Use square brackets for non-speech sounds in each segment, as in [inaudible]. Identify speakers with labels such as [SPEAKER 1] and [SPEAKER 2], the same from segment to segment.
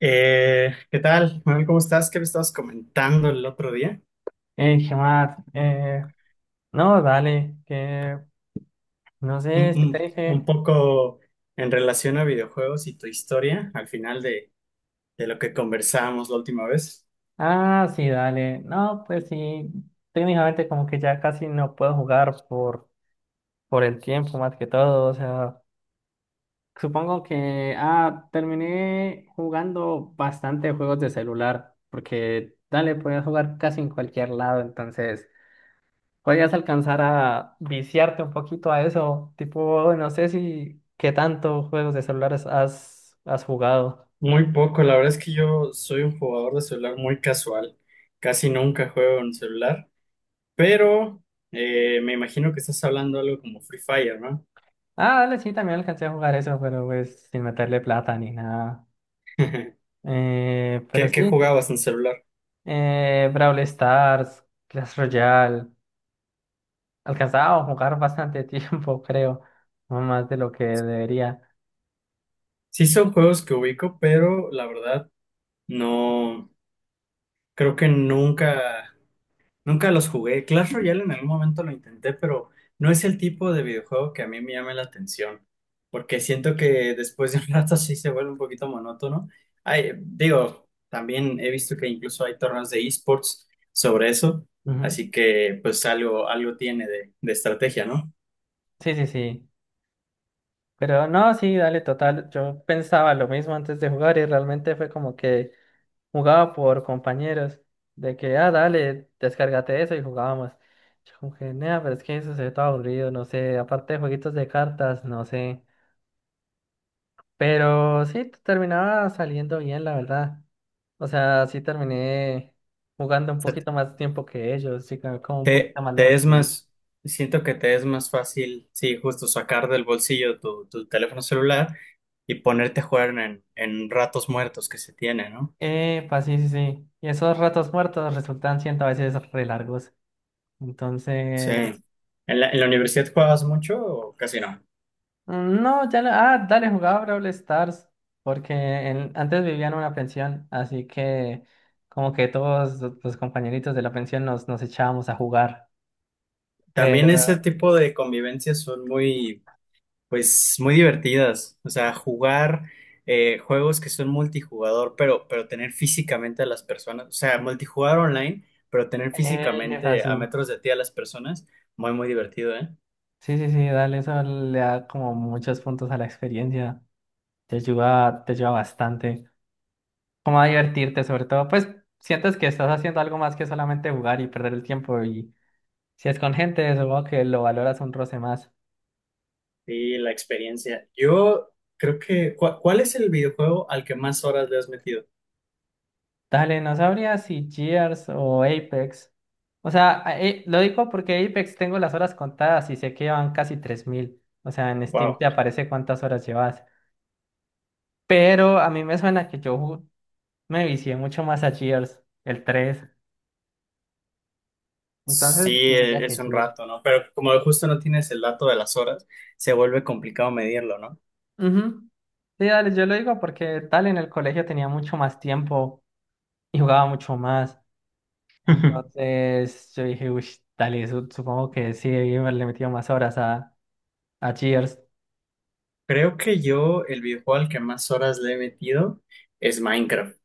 [SPEAKER 1] ¿Qué tal, Manuel? ¿Cómo estás? ¿Qué me estabas comentando el otro día?
[SPEAKER 2] ¿Qué más? No, dale, que no
[SPEAKER 1] Un,
[SPEAKER 2] sé si te
[SPEAKER 1] un- un
[SPEAKER 2] dije.
[SPEAKER 1] poco en relación a videojuegos y tu historia al final de lo que conversábamos la última vez.
[SPEAKER 2] Ah, sí, dale. No, pues sí, técnicamente como que ya casi no puedo jugar por el tiempo más que todo. O sea, supongo que, terminé jugando bastante juegos de celular, porque, dale, podías jugar casi en cualquier lado, entonces podías alcanzar a viciarte un poquito a eso. Tipo, no sé si, qué tanto juegos de celulares has jugado.
[SPEAKER 1] Muy poco, la verdad es que yo soy un jugador de celular muy casual, casi nunca juego en celular, pero me imagino que estás hablando algo como Free Fire, ¿no?
[SPEAKER 2] Ah, dale, sí, también alcancé a jugar eso, pero pues sin meterle plata ni nada.
[SPEAKER 1] [laughs]
[SPEAKER 2] Pero
[SPEAKER 1] ¿Qué,
[SPEAKER 2] sí,
[SPEAKER 1] qué
[SPEAKER 2] sí.
[SPEAKER 1] jugabas en celular?
[SPEAKER 2] Brawl Stars, Clash Royale. Alcanzaba a jugar bastante tiempo, [laughs] creo. No más de lo que debería.
[SPEAKER 1] Sí son juegos que ubico, pero la verdad no, creo que nunca... Nunca los jugué. Clash Royale en algún momento lo intenté, pero no es el tipo de videojuego que a mí me llame la atención, porque siento que después de un [laughs] rato sí se vuelve un poquito monótono. Ay, digo, también he visto que incluso hay torneos de esports sobre eso,
[SPEAKER 2] Ujú.
[SPEAKER 1] así que pues algo, algo tiene de estrategia, ¿no? O
[SPEAKER 2] Sí, sí, sí. Pero no, sí, dale, total. Yo pensaba lo mismo antes de jugar y realmente fue como que jugaba por compañeros, de que, ah, dale, descárgate eso y jugábamos. Yo como que, nea, pero es que eso se ve todo aburrido, no sé, aparte de jueguitos de cartas, no sé. Pero sí, terminaba saliendo bien, la verdad. O sea, sí terminé jugando un
[SPEAKER 1] sea,
[SPEAKER 2] poquito más tiempo que ellos, sí, como un
[SPEAKER 1] te,
[SPEAKER 2] poquito más
[SPEAKER 1] te
[SPEAKER 2] lejos que
[SPEAKER 1] es
[SPEAKER 2] ellos.
[SPEAKER 1] más, siento que te es más fácil, sí, justo sacar del bolsillo tu teléfono celular y ponerte a jugar en ratos muertos que se tiene, ¿no?
[SPEAKER 2] Epa, sí, sí, sí. Y esos ratos muertos resultan siendo a veces re largos.
[SPEAKER 1] Sí.
[SPEAKER 2] Entonces,
[SPEAKER 1] ¿En la universidad juegas mucho o casi no?
[SPEAKER 2] no, ya no. Ah, dale, jugaba Brawl Stars. Porque antes vivía en una pensión. Así que, como que todos los compañeritos de la pensión nos echábamos a jugar.
[SPEAKER 1] También
[SPEAKER 2] Pero,
[SPEAKER 1] ese tipo de convivencias son muy, pues, muy divertidas. O sea, jugar juegos que son multijugador, pero tener físicamente a las personas. O sea, multijugador online, pero tener físicamente a
[SPEAKER 2] así.
[SPEAKER 1] metros de ti a las personas. Muy, muy divertido, ¿eh?
[SPEAKER 2] Sí, sí, sí, dale, eso le da como muchos puntos a la experiencia. Te ayuda bastante. Como a divertirte, sobre todo. Pues sientes que estás haciendo algo más que solamente jugar y perder el tiempo. Y si es con gente, supongo que lo valoras un roce más.
[SPEAKER 1] Sí, la experiencia. Yo creo que, ¿cuál es el videojuego al que más horas le has metido?
[SPEAKER 2] Dale, no sabría si Gears o Apex. O sea, lo digo porque Apex tengo las horas contadas y sé que llevan casi 3000. O sea, en Steam
[SPEAKER 1] Wow.
[SPEAKER 2] te aparece cuántas horas llevas. Pero a mí me suena que me vicié mucho más a Gears, el 3.
[SPEAKER 1] Sí,
[SPEAKER 2] Entonces diría que
[SPEAKER 1] es un
[SPEAKER 2] Gears.
[SPEAKER 1] rato, ¿no? Pero como justo no tienes el dato de las horas, se vuelve complicado medirlo, ¿no?
[SPEAKER 2] Ujú. Sí, dale, yo lo digo porque tal en el colegio tenía mucho más tiempo y jugaba mucho más.
[SPEAKER 1] [laughs]
[SPEAKER 2] Entonces yo dije, uy, dale, supongo que sí, le he metido más horas a Gears.
[SPEAKER 1] Creo que yo el videojuego al que más horas le he metido es Minecraft.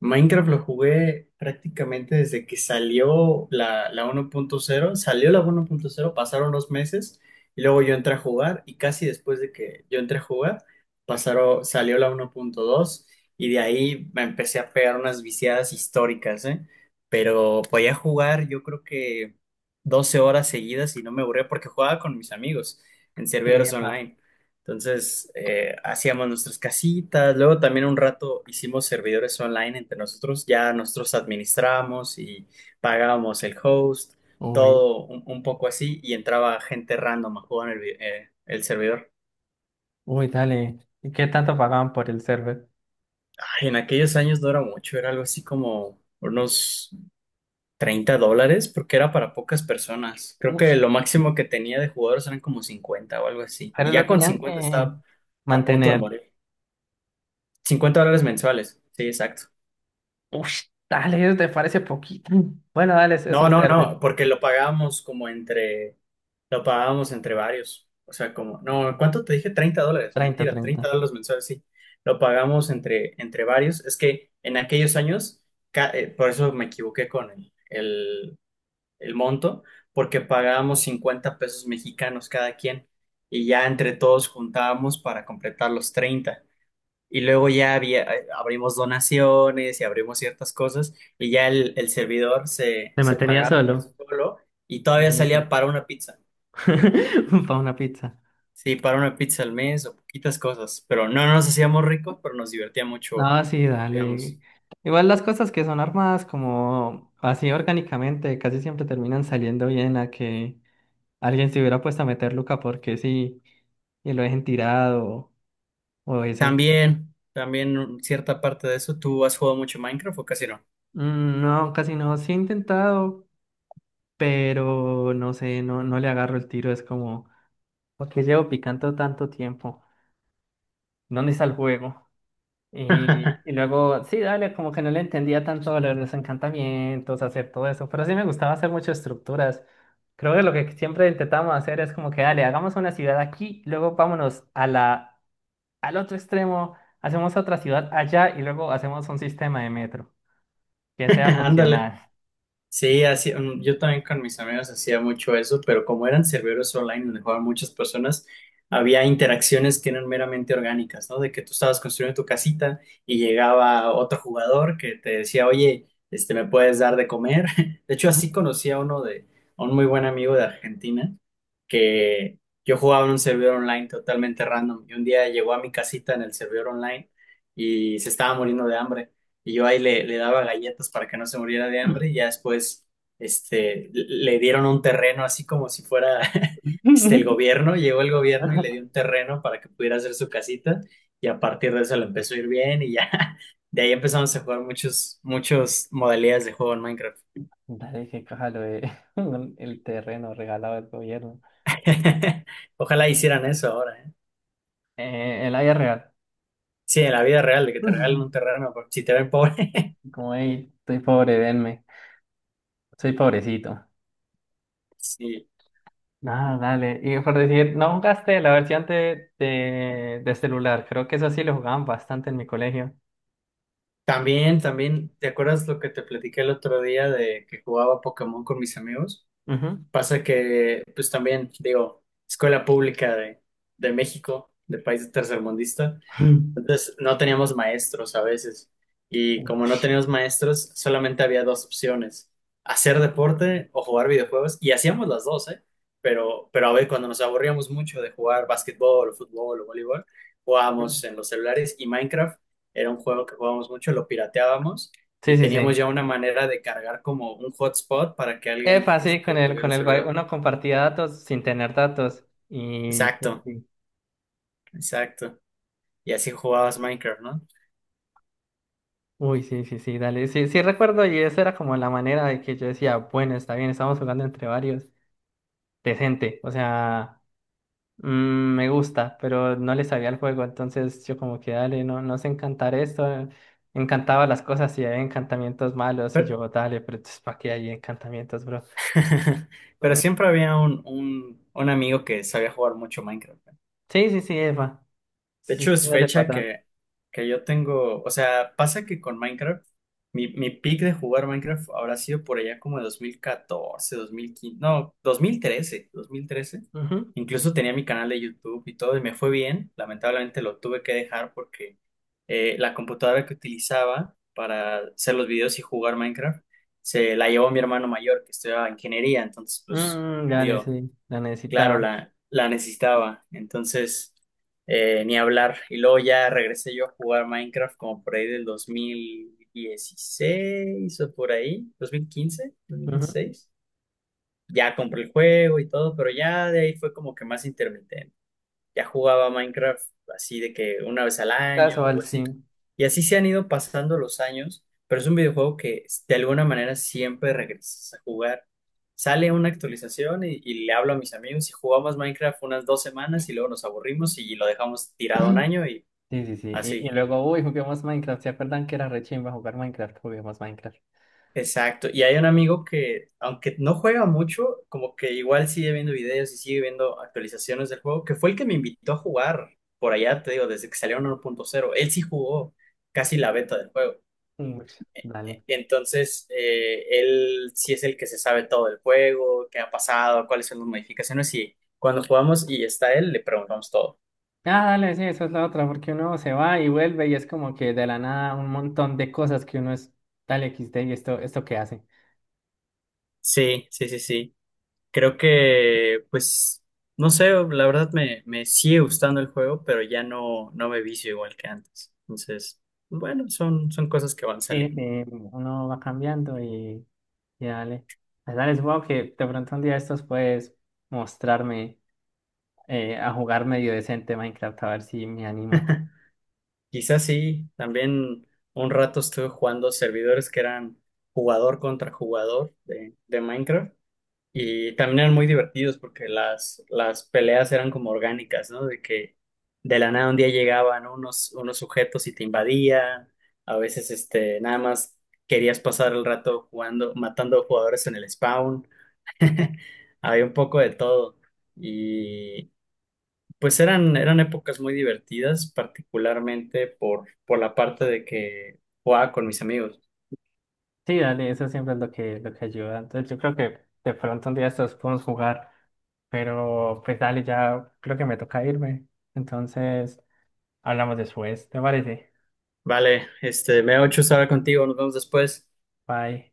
[SPEAKER 1] Minecraft lo jugué prácticamente desde que salió la uno punto cero. Salió la uno punto cero, pasaron los meses y luego yo entré a jugar y casi después de que yo entré a jugar, pasaron, salió la uno punto dos y de ahí me empecé a pegar unas viciadas históricas, ¿eh? Pero podía jugar yo creo que 12 horas seguidas y no me aburría porque jugaba con mis amigos en
[SPEAKER 2] Sí,
[SPEAKER 1] servidores online. Entonces, hacíamos nuestras casitas, luego también un rato hicimos servidores online entre nosotros, ya nosotros administrábamos y pagábamos el host,
[SPEAKER 2] uy,
[SPEAKER 1] todo un poco así, y entraba gente random a jugar en el, el servidor.
[SPEAKER 2] uy, dale. ¿Y qué tanto pagaban por el server?
[SPEAKER 1] Ay, en aquellos años no era mucho, era algo así como unos $30, porque era para pocas personas. Creo
[SPEAKER 2] Uf,
[SPEAKER 1] que lo máximo que tenía de jugadores eran como 50 o algo así,
[SPEAKER 2] pero
[SPEAKER 1] y
[SPEAKER 2] lo
[SPEAKER 1] ya con
[SPEAKER 2] tenían
[SPEAKER 1] 50
[SPEAKER 2] que
[SPEAKER 1] estaba a punto de
[SPEAKER 2] mantener.
[SPEAKER 1] morir. $50 mensuales, sí, exacto.
[SPEAKER 2] Uf, dale, eso te parece poquito. Bueno, dale, es
[SPEAKER 1] No,
[SPEAKER 2] un
[SPEAKER 1] no,
[SPEAKER 2] server.
[SPEAKER 1] no, porque lo pagábamos como entre, lo pagábamos entre varios. O sea, como, no, ¿cuánto te dije? $30,
[SPEAKER 2] 30,
[SPEAKER 1] mentira,
[SPEAKER 2] 30.
[SPEAKER 1] $30 mensuales, sí. Lo pagamos entre varios. Es que en aquellos años, por eso me equivoqué con el monto, porque pagábamos 50 pesos mexicanos cada quien y ya entre todos juntábamos para completar los 30. Y luego ya había, abrimos donaciones y abrimos ciertas cosas y ya el servidor se,
[SPEAKER 2] Se
[SPEAKER 1] se
[SPEAKER 2] mantenía
[SPEAKER 1] pagaba por sí
[SPEAKER 2] solo.
[SPEAKER 1] solo y todavía
[SPEAKER 2] Epa.
[SPEAKER 1] salía para una pizza.
[SPEAKER 2] [laughs] Para una pizza.
[SPEAKER 1] Sí, para una pizza al mes o poquitas cosas, pero no nos hacíamos ricos, pero nos divertía mucho,
[SPEAKER 2] No, sí,
[SPEAKER 1] digamos.
[SPEAKER 2] dale. Igual las cosas que son armadas como así orgánicamente casi siempre terminan saliendo bien a que alguien se hubiera puesto a meter Luca porque sí y lo dejen tirado o eso.
[SPEAKER 1] También, también cierta parte de eso. ¿Tú has jugado mucho Minecraft o casi no?
[SPEAKER 2] Mm, no, casi no. Sí he intentado, pero no sé, no le agarro el tiro. Es como, ¿por qué llevo picando tanto tiempo? ¿Dónde está el juego? Y
[SPEAKER 1] [laughs]
[SPEAKER 2] luego, sí, dale, como que no le entendía tanto a lo de los encantamientos, hacer todo eso. Pero sí me gustaba hacer muchas estructuras. Creo que lo que siempre intentamos hacer es como que, dale, hagamos una ciudad aquí, luego vámonos a la, al otro extremo, hacemos otra ciudad allá y luego hacemos un sistema de metro que sea
[SPEAKER 1] Ándale.
[SPEAKER 2] funcional.
[SPEAKER 1] Sí, así, yo también con mis amigos hacía mucho eso, pero como eran servidores online donde jugaban muchas personas, había interacciones que eran meramente orgánicas, ¿no? De que tú estabas construyendo tu casita y llegaba otro jugador que te decía, oye, este, ¿me puedes dar de comer? [laughs] De hecho, así conocí a uno de, a un muy buen amigo de Argentina, que yo jugaba en un servidor online totalmente random y un día llegó a mi casita en el servidor online y se estaba muriendo de hambre y yo ahí le daba galletas para que no se muriera de hambre y ya después este, le dieron un terreno así como si fuera [laughs] este, el
[SPEAKER 2] [laughs]
[SPEAKER 1] gobierno, llegó el gobierno y le dio un terreno para que pudiera hacer su casita y a partir de eso le empezó a ir bien y ya [laughs] de ahí empezamos a jugar muchos, muchos modalidades de juego en Minecraft.
[SPEAKER 2] Dale, qué caja lo de [laughs] el terreno regalado del gobierno.
[SPEAKER 1] [laughs] Ojalá hicieran eso ahora, ¿eh?
[SPEAKER 2] El área real.
[SPEAKER 1] Sí, en la vida real, de que te regalen un
[SPEAKER 2] [laughs]
[SPEAKER 1] terreno, porque si te ven pobre. [laughs]
[SPEAKER 2] Como, hey, estoy pobre, denme. Soy pobrecito.
[SPEAKER 1] Sí.
[SPEAKER 2] Nada, dale. Y por decir, no jugaste la versión de celular. Creo que eso sí lo jugaban bastante en mi colegio.
[SPEAKER 1] También, también, ¿te acuerdas lo que te platiqué el otro día de que jugaba Pokémon con mis amigos?
[SPEAKER 2] Ujú.
[SPEAKER 1] Pasa que, pues también, digo, escuela pública de México, de país tercermundista,
[SPEAKER 2] [laughs]
[SPEAKER 1] entonces no teníamos maestros a veces. Y como no teníamos maestros, solamente había dos opciones, hacer deporte o jugar videojuegos. Y hacíamos las dos, ¿eh? Pero a ver, cuando nos aburríamos mucho de jugar básquetbol o fútbol o voleibol, jugábamos en los celulares y Minecraft era un juego que jugábamos mucho, lo pirateábamos
[SPEAKER 2] Sí,
[SPEAKER 1] y
[SPEAKER 2] sí, sí.
[SPEAKER 1] teníamos ya una manera de cargar como un hotspot para que alguien
[SPEAKER 2] Epa, sí,
[SPEAKER 1] este, tuviera el servidor.
[SPEAKER 2] uno compartía datos sin tener datos. Y, sí,
[SPEAKER 1] Exacto,
[SPEAKER 2] sí.
[SPEAKER 1] exacto. Y así jugabas Minecraft, ¿no?
[SPEAKER 2] Uy, sí, sí, sí, dale. Sí, sí recuerdo y esa era como la manera de que yo decía, bueno, está bien, estamos jugando entre varios. Decente, o sea, mm, me gusta, pero no le sabía el juego, entonces yo como que dale, no, no sé encantar esto. Encantaba las cosas y hay encantamientos malos y
[SPEAKER 1] Pero,
[SPEAKER 2] yo, dale, pero entonces ¿para qué hay encantamientos, bro?
[SPEAKER 1] [laughs] pero
[SPEAKER 2] Eh,
[SPEAKER 1] siempre había un amigo que sabía jugar mucho Minecraft.
[SPEAKER 2] sí, sí, sí, Eva.
[SPEAKER 1] De
[SPEAKER 2] Sí,
[SPEAKER 1] hecho,
[SPEAKER 2] sí,
[SPEAKER 1] es
[SPEAKER 2] dale
[SPEAKER 1] fecha
[SPEAKER 2] para atrás.
[SPEAKER 1] que yo tengo, o sea, pasa que con Minecraft, mi peak de jugar Minecraft habrá sido por allá como de dos mil 2015, no, dos mil quince, no, dos mil trece.
[SPEAKER 2] Ujú.
[SPEAKER 1] Incluso tenía mi canal de YouTube y todo, y me fue bien. Lamentablemente lo tuve que dejar porque la computadora que utilizaba para hacer los videos y jugar Minecraft se la llevó mi hermano mayor, que estudiaba ingeniería. Entonces, pues,
[SPEAKER 2] Mm, dale, sí, la
[SPEAKER 1] claro,
[SPEAKER 2] necesitaba.
[SPEAKER 1] la necesitaba. Entonces, ni hablar. Y luego ya regresé yo a jugar Minecraft como por ahí del 2016 o por ahí, dos mil quince, dos mil
[SPEAKER 2] Ujú.
[SPEAKER 1] 2016. Ya compré el juego y todo, pero ya de ahí fue como que más intermitente, ya jugaba Minecraft así de que una vez al año
[SPEAKER 2] Casual,
[SPEAKER 1] o así.
[SPEAKER 2] sí.
[SPEAKER 1] Y así se han ido pasando los años, pero es un videojuego que de alguna manera siempre regresas a jugar. Sale una actualización y le hablo a mis amigos y jugamos Minecraft unas 2 semanas y luego nos aburrimos y lo dejamos tirado un año y
[SPEAKER 2] Sí, sí, sí. Y
[SPEAKER 1] así.
[SPEAKER 2] luego, uy, juguemos Minecraft. ¿Se acuerdan que era re chimba jugar Minecraft? Juguemos Minecraft.
[SPEAKER 1] Exacto. Y hay un amigo que, aunque no juega mucho, como que igual sigue viendo videos y sigue viendo actualizaciones del juego, que fue el que me invitó a jugar por allá, te digo, desde que salieron cero. Él sí jugó casi la beta del juego.
[SPEAKER 2] Mm, dale.
[SPEAKER 1] Entonces, él sí es el que se sabe todo del juego, qué ha pasado, cuáles son las modificaciones y cuando jugamos y está él, le preguntamos todo.
[SPEAKER 2] Ah, dale, sí, esa es la otra, porque uno se va y vuelve y es como que de la nada un montón de cosas que uno es, dale XD y esto qué hace.
[SPEAKER 1] Sí, sí, sí, sí. Creo que, pues, no sé, la verdad me sigue gustando el juego, pero ya no, no me vicio igual que antes. Entonces, bueno, son cosas que van
[SPEAKER 2] Sí,
[SPEAKER 1] saliendo.
[SPEAKER 2] sí, uno va cambiando y dale. Pues dale, supongo que de pronto un día estos puedes mostrarme a jugar medio decente Minecraft, a ver si me animo.
[SPEAKER 1] [laughs] Quizás sí, también un rato estuve jugando servidores que eran jugador contra jugador de Minecraft. Y también eran muy divertidos porque las peleas eran como orgánicas, ¿no? De que de la nada un día llegaban unos, unos sujetos y te invadían, a veces este, nada más querías pasar el rato jugando, matando jugadores en el spawn, [laughs] había un poco de todo. Y pues eran, eran épocas muy divertidas, particularmente por la parte de que jugaba con mis amigos.
[SPEAKER 2] Sí, dale, eso siempre es lo que ayuda. Entonces yo creo que de pronto un día estos podemos jugar, pero pues dale, ya creo que me toca irme. Entonces hablamos después, ¿te parece?
[SPEAKER 1] Vale, este, me ha hecho estar contigo, nos vemos después.
[SPEAKER 2] Bye.